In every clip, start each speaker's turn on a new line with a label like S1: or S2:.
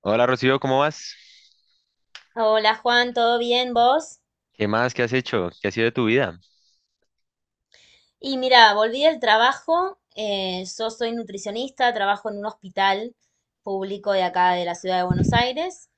S1: Hola Rocío, ¿cómo vas?
S2: Hola Juan, ¿todo bien vos?
S1: ¿Qué más? ¿Qué has hecho? ¿Qué ha sido de tu vida?
S2: Y mira, volví del trabajo, yo soy nutricionista, trabajo en un hospital público de acá de la ciudad de Buenos Aires.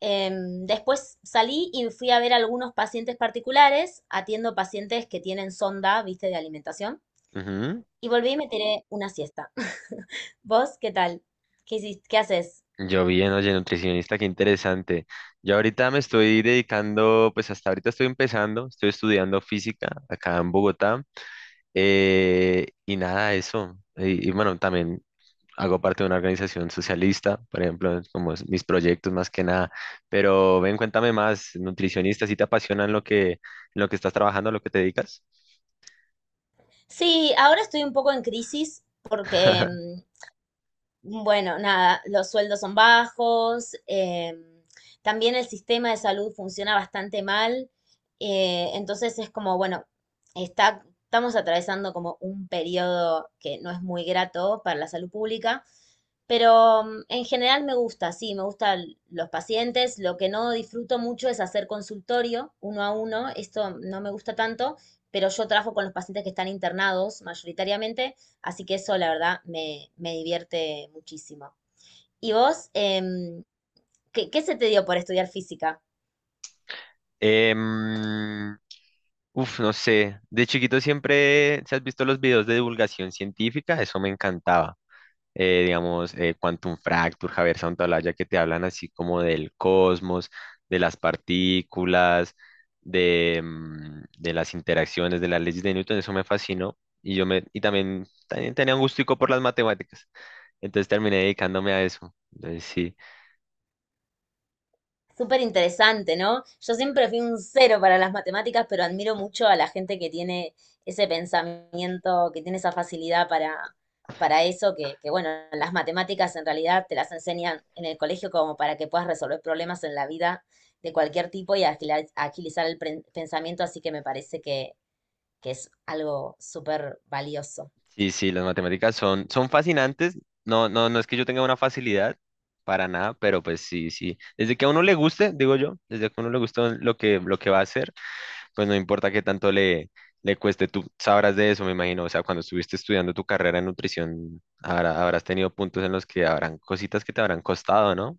S2: Después salí y fui a ver algunos pacientes particulares, atiendo pacientes que tienen sonda, viste, de alimentación,
S1: Ujú.
S2: y volví y me tiré una siesta. ¿Vos qué tal? ¿Qué hiciste? ¿Qué haces?
S1: Yo bien, oye, nutricionista, qué interesante. Yo ahorita me estoy dedicando, pues hasta ahorita estoy empezando, estoy estudiando física acá en Bogotá. Y nada, eso. Y bueno, también hago parte de una organización socialista, por ejemplo, es como es mis proyectos más que nada. Pero ven, cuéntame más, nutricionista, ¿si te apasionan lo que, en lo que estás trabajando, en lo que te dedicas?
S2: Sí, ahora estoy un poco en crisis porque bueno, nada, los sueldos son bajos, también el sistema de salud funciona bastante mal, entonces es como, bueno, estamos atravesando como un periodo que no es muy grato para la salud pública, pero en general me gusta, sí, me gustan los pacientes, lo que no disfruto mucho es hacer consultorio uno a uno, esto no me gusta tanto, pero yo trabajo con los pacientes que están internados mayoritariamente. Así que eso, la verdad, me divierte muchísimo. ¿Y vos, qué se te dio por estudiar física?
S1: Em, uf, no sé. De chiquito siempre, si has visto los videos de divulgación científica, eso me encantaba. Digamos, Quantum Fracture, Javier Santaolalla, que te hablan así como del cosmos, de las partículas, de, de las interacciones, de las leyes de Newton, eso me fascinó. Y y también, también tenía un gustico por las matemáticas. Entonces terminé dedicándome a eso. Entonces, sí.
S2: Súper interesante, ¿no? Yo siempre fui un cero para las matemáticas, pero admiro mucho a la gente que tiene ese pensamiento, que tiene esa facilidad para eso, que bueno, las matemáticas en realidad te las enseñan en el colegio como para que puedas resolver problemas en la vida de cualquier tipo y agilizar el pensamiento, así que me parece que es algo súper valioso.
S1: Sí, sí, las matemáticas son, son fascinantes. No, no, no es que yo tenga una facilidad para nada, pero pues sí, sí. Desde que a uno le guste, digo yo, desde que a uno le guste lo que va a hacer, pues no importa qué tanto le, le cueste. Tú sabrás de eso, me imagino. O sea, cuando estuviste estudiando tu carrera en nutrición, habrás tenido puntos en los que habrán cositas que te habrán costado, ¿no?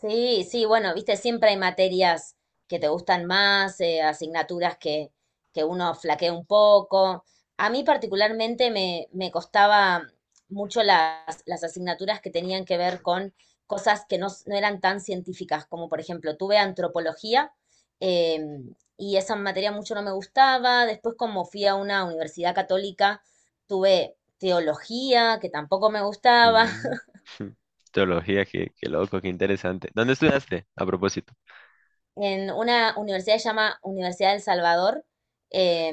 S2: Sí, sí, bueno, viste, siempre hay materias que te gustan más, asignaturas que uno flaquea un poco. A mí particularmente me costaba mucho las asignaturas que tenían que ver con cosas que no eran tan científicas, como por ejemplo, tuve antropología y esa materia mucho no me gustaba. Después, como fui a una universidad católica, tuve teología, que tampoco me gustaba.
S1: Mm. Teología, qué, qué loco, qué interesante. ¿Dónde estudiaste, a propósito?
S2: En una universidad que se llama Universidad del Salvador, eh,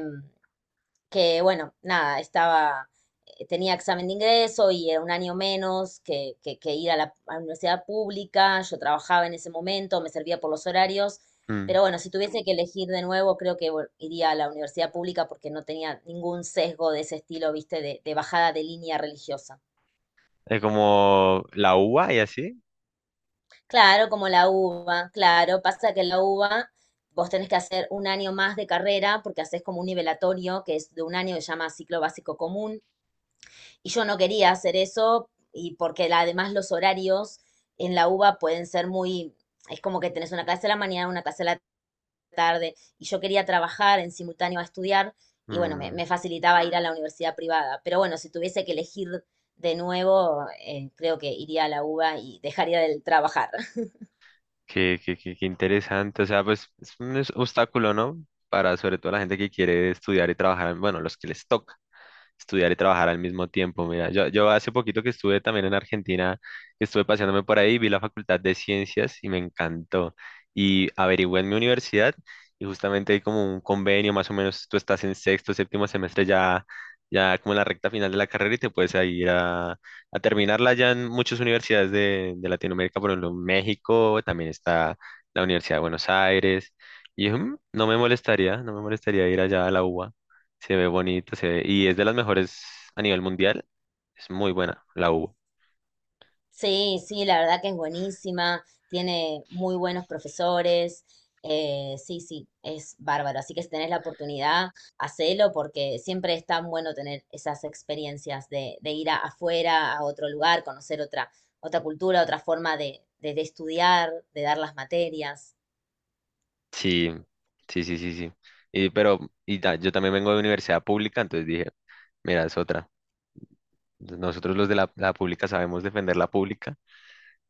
S2: que bueno, nada, tenía examen de ingreso y era un año menos que ir a la universidad pública, yo trabajaba en ese momento, me servía por los horarios,
S1: Mm.
S2: pero bueno, si tuviese que elegir de nuevo, creo que bueno, iría a la universidad pública porque no tenía ningún sesgo de ese estilo, viste, de bajada de línea religiosa.
S1: ¿Es como la UBA y así?
S2: Claro, como la uva, claro. Pasa que la uva vos tenés que hacer un año más de carrera porque haces como un nivelatorio que es de un año que se llama ciclo básico común. Y yo no quería hacer eso y porque además los horarios en la uva pueden ser muy, es como que tenés una clase a la mañana, una clase a la tarde. Y yo quería trabajar en simultáneo a estudiar y bueno,
S1: Mm.
S2: me facilitaba ir a la universidad privada. Pero bueno, si tuviese que elegir de nuevo, creo que iría a la uva y dejaría de trabajar.
S1: Qué, qué, qué, qué interesante. O sea, pues es un obstáculo, ¿no? Para sobre todo la gente que quiere estudiar y trabajar, bueno, los que les toca estudiar y trabajar al mismo tiempo. Mira, yo hace poquito que estuve también en Argentina, estuve paseándome por ahí, vi la Facultad de Ciencias y me encantó. Y averigüé en mi universidad y justamente hay como un convenio, más o menos tú estás en sexto, séptimo semestre ya, ya como en la recta final de la carrera y te puedes ahí ir a terminarla ya en muchas universidades de Latinoamérica, por ejemplo, en México, también está la Universidad de Buenos Aires. Y mm, no me molestaría, no me molestaría ir allá a la UBA. Se ve bonito, y es de las mejores a nivel mundial. Es muy buena la UBA.
S2: Sí, sí, la verdad que es buenísima, tiene muy buenos profesores, sí, sí, es bárbaro. Así que si tenés la oportunidad, hacelo porque siempre es tan bueno tener esas experiencias de afuera, a otro lugar, conocer otra, otra cultura, otra forma de estudiar, de dar las materias.
S1: Sí, sí, sí, sí, sí. Y, pero yo también vengo de universidad pública, entonces dije, mira, es otra. Nosotros los de la pública sabemos defender la pública.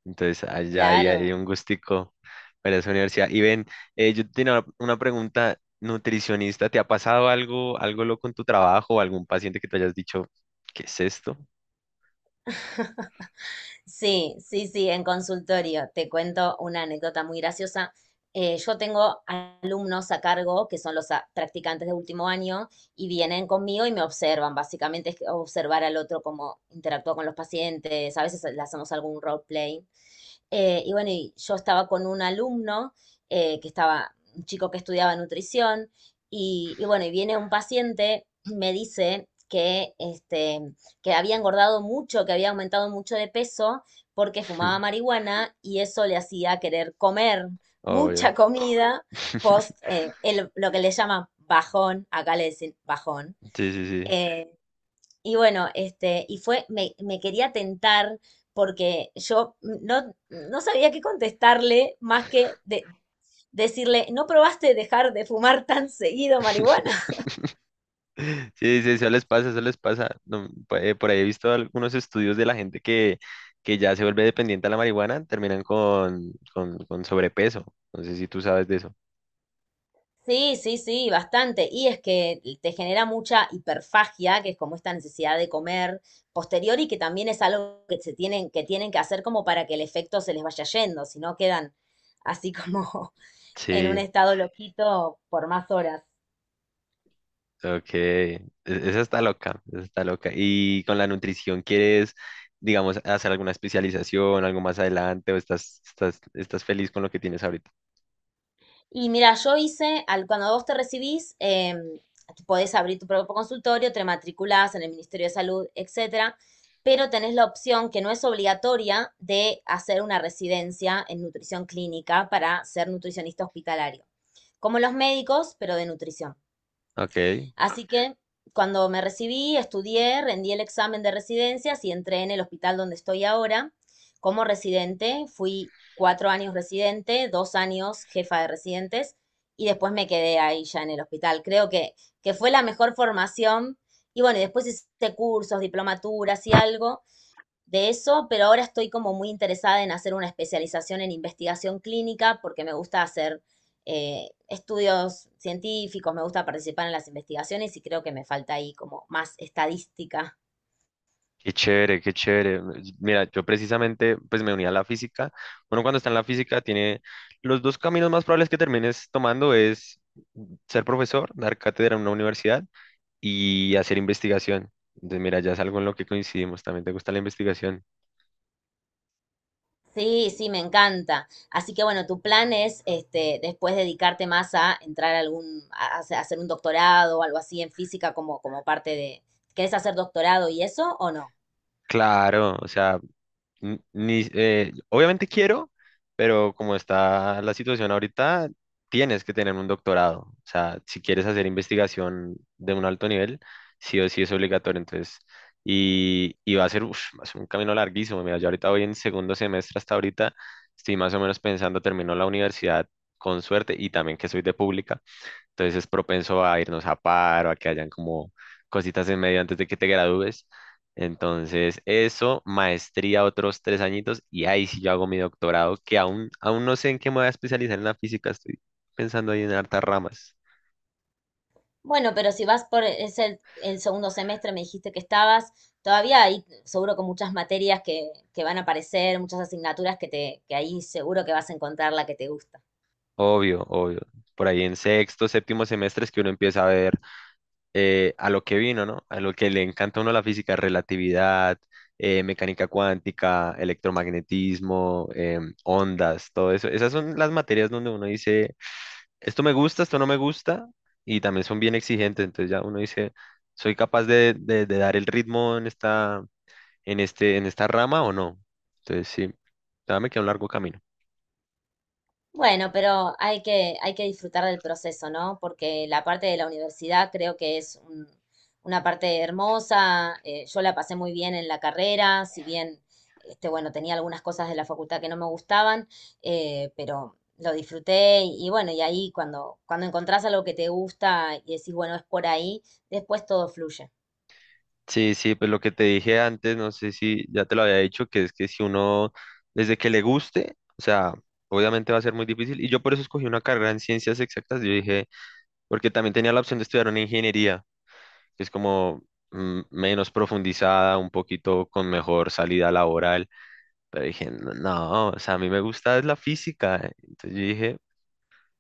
S1: Entonces, allá
S2: Claro.
S1: hay un gustico para esa universidad. Y ven, yo tenía una pregunta, nutricionista, ¿te ha pasado algo, algo loco en tu trabajo o algún paciente que te hayas dicho, ¿qué es esto?
S2: Sí, sí, sí, en consultorio. Te cuento una anécdota muy graciosa. Yo tengo alumnos a cargo que son los practicantes de último año y vienen conmigo y me observan. Básicamente es observar al otro cómo interactúa con los pacientes. A veces le hacemos algún roleplay. Y bueno, y yo estaba con un alumno un chico que estudiaba nutrición, y bueno, y viene un paciente, me dice que, este, que había engordado mucho, que había aumentado mucho de peso porque fumaba marihuana y eso le hacía querer comer
S1: Obvio.
S2: mucha comida post lo que le llaman bajón, acá le dicen bajón.
S1: Sí, sí, sí.
S2: eh, y bueno, este, me quería tentar porque yo no sabía qué contestarle más que decirle, ¿no probaste dejar de fumar tan seguido marihuana?
S1: Sí, sí, eso les pasa, eso les pasa. No, pu- por ahí he visto algunos estudios de la gente que ya se vuelve dependiente a la marihuana, terminan con sobrepeso. No sé si tú sabes de eso.
S2: Sí, sí, sí, bastante. Y es que te genera mucha hiperfagia, que es como esta necesidad de comer posterior y que también es algo que que tienen que hacer como para que el efecto se les vaya yendo, si no quedan así como en un
S1: Sí,
S2: estado loquito por más horas.
S1: ok, esa está loca, esa está loca. ¿Y con la nutrición quieres, digamos, hacer alguna especialización, algo más adelante, o estás, estás, estás feliz con lo que tienes ahorita?
S2: Y mira, yo hice, al, cuando vos te recibís, podés abrir tu propio consultorio, te matriculás en el Ministerio de Salud, etcétera, pero tenés la opción que no es obligatoria de hacer una residencia en nutrición clínica para ser nutricionista hospitalario, como los médicos, pero de nutrición.
S1: Ok, qué
S2: Así que cuando me recibí, estudié, rendí el examen de residencias y entré en el hospital donde estoy ahora como residente. Fui cuatro años residente, dos años jefa de residentes y después me quedé ahí ya en el hospital. Creo que fue la mejor formación. Y bueno, y después hice cursos, diplomaturas y algo de eso, pero ahora estoy como muy interesada en hacer una especialización en investigación clínica porque me gusta hacer estudios científicos, me gusta participar en las investigaciones y creo que me falta ahí como más estadística.
S1: chévere, qué chévere. Mira, yo precisamente, pues me uní a la física. Uno cuando está en la física tiene los dos caminos más probables que termines tomando es ser profesor, dar cátedra en una universidad y hacer investigación. Entonces, mira, ya es algo en lo que coincidimos. También te gusta la investigación.
S2: Sí, sí, me encanta. Así que bueno, tu plan es este, después dedicarte más a entrar a algún, a hacer un doctorado o algo así en física como, como parte de, ¿querés hacer doctorado y eso o no?
S1: Claro, o sea, N- Ni, obviamente quiero, pero como está la situación ahorita, tienes que tener un doctorado. O sea, si quieres hacer investigación de un alto nivel, sí o sí es obligatorio. Entonces, y va a ser, uf, va a ser un camino larguísimo. Mira, yo ahorita voy en segundo semestre hasta ahorita, estoy más o menos pensando, termino la universidad con suerte y también que soy de pública. Entonces es propenso a irnos a paro, a que hayan como cositas en medio antes de que te gradúes. Entonces, eso, maestría otros tres añitos y ahí sí yo hago mi doctorado, que aún, aún no sé en qué me voy a especializar en la física, estoy pensando ahí en hartas ramas.
S2: Bueno, pero si vas por es el segundo semestre, me dijiste que estabas, todavía hay seguro con muchas materias que van a aparecer, muchas asignaturas que te, que ahí seguro que vas a encontrar la que te gusta.
S1: Obvio, obvio. Por ahí en sexto, séptimo semestre es que uno empieza a ver a lo que vino, ¿no? A lo que le encanta a uno la física, relatividad, mecánica cuántica, electromagnetismo, ondas, todo eso. Esas son las materias donde uno dice, esto me gusta, esto no me gusta, y también son bien exigentes. Entonces ya uno dice, ¿soy capaz de dar el ritmo en esta, en esta rama o no? Entonces sí, ya me queda un largo camino.
S2: Bueno, pero hay hay que disfrutar del proceso, ¿no? Porque la parte de la universidad creo que es una parte hermosa. Eh, yo la pasé muy bien en la carrera, si bien, este, bueno, tenía algunas cosas de la facultad que no me gustaban, pero lo disfruté y bueno, y ahí cuando encontrás algo que te gusta y decís, bueno, es por ahí, después todo fluye.
S1: Sí, sí, pues lo que te dije antes, no sé si ya te lo había dicho, que es que si uno, desde que le guste, o sea, obviamente va a ser muy difícil. Y yo por eso escogí una carrera en ciencias exactas, yo dije, porque también tenía la opción de estudiar una ingeniería, que es como menos profundizada, un poquito con mejor salida laboral. Pero dije, no, no, o sea, a mí me gusta es la física. Entonces yo dije,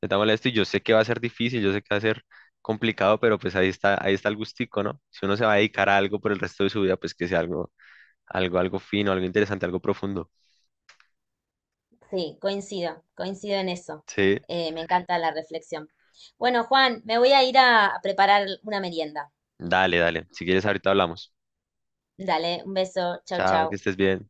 S1: me está molesto y yo sé que va a ser difícil, yo sé que va a ser complicado, pero pues ahí está el gustico, ¿no? Si uno se va a dedicar a algo por el resto de su vida, pues que sea algo, algo fino, algo interesante, algo profundo.
S2: Sí, coincido, coincido en eso.
S1: Sí,
S2: Me encanta la reflexión. Bueno, Juan, me voy a ir a preparar una merienda.
S1: dale, dale. Si quieres, ahorita hablamos.
S2: Dale, un beso. Chau,
S1: Chao, que
S2: chau.
S1: estés bien.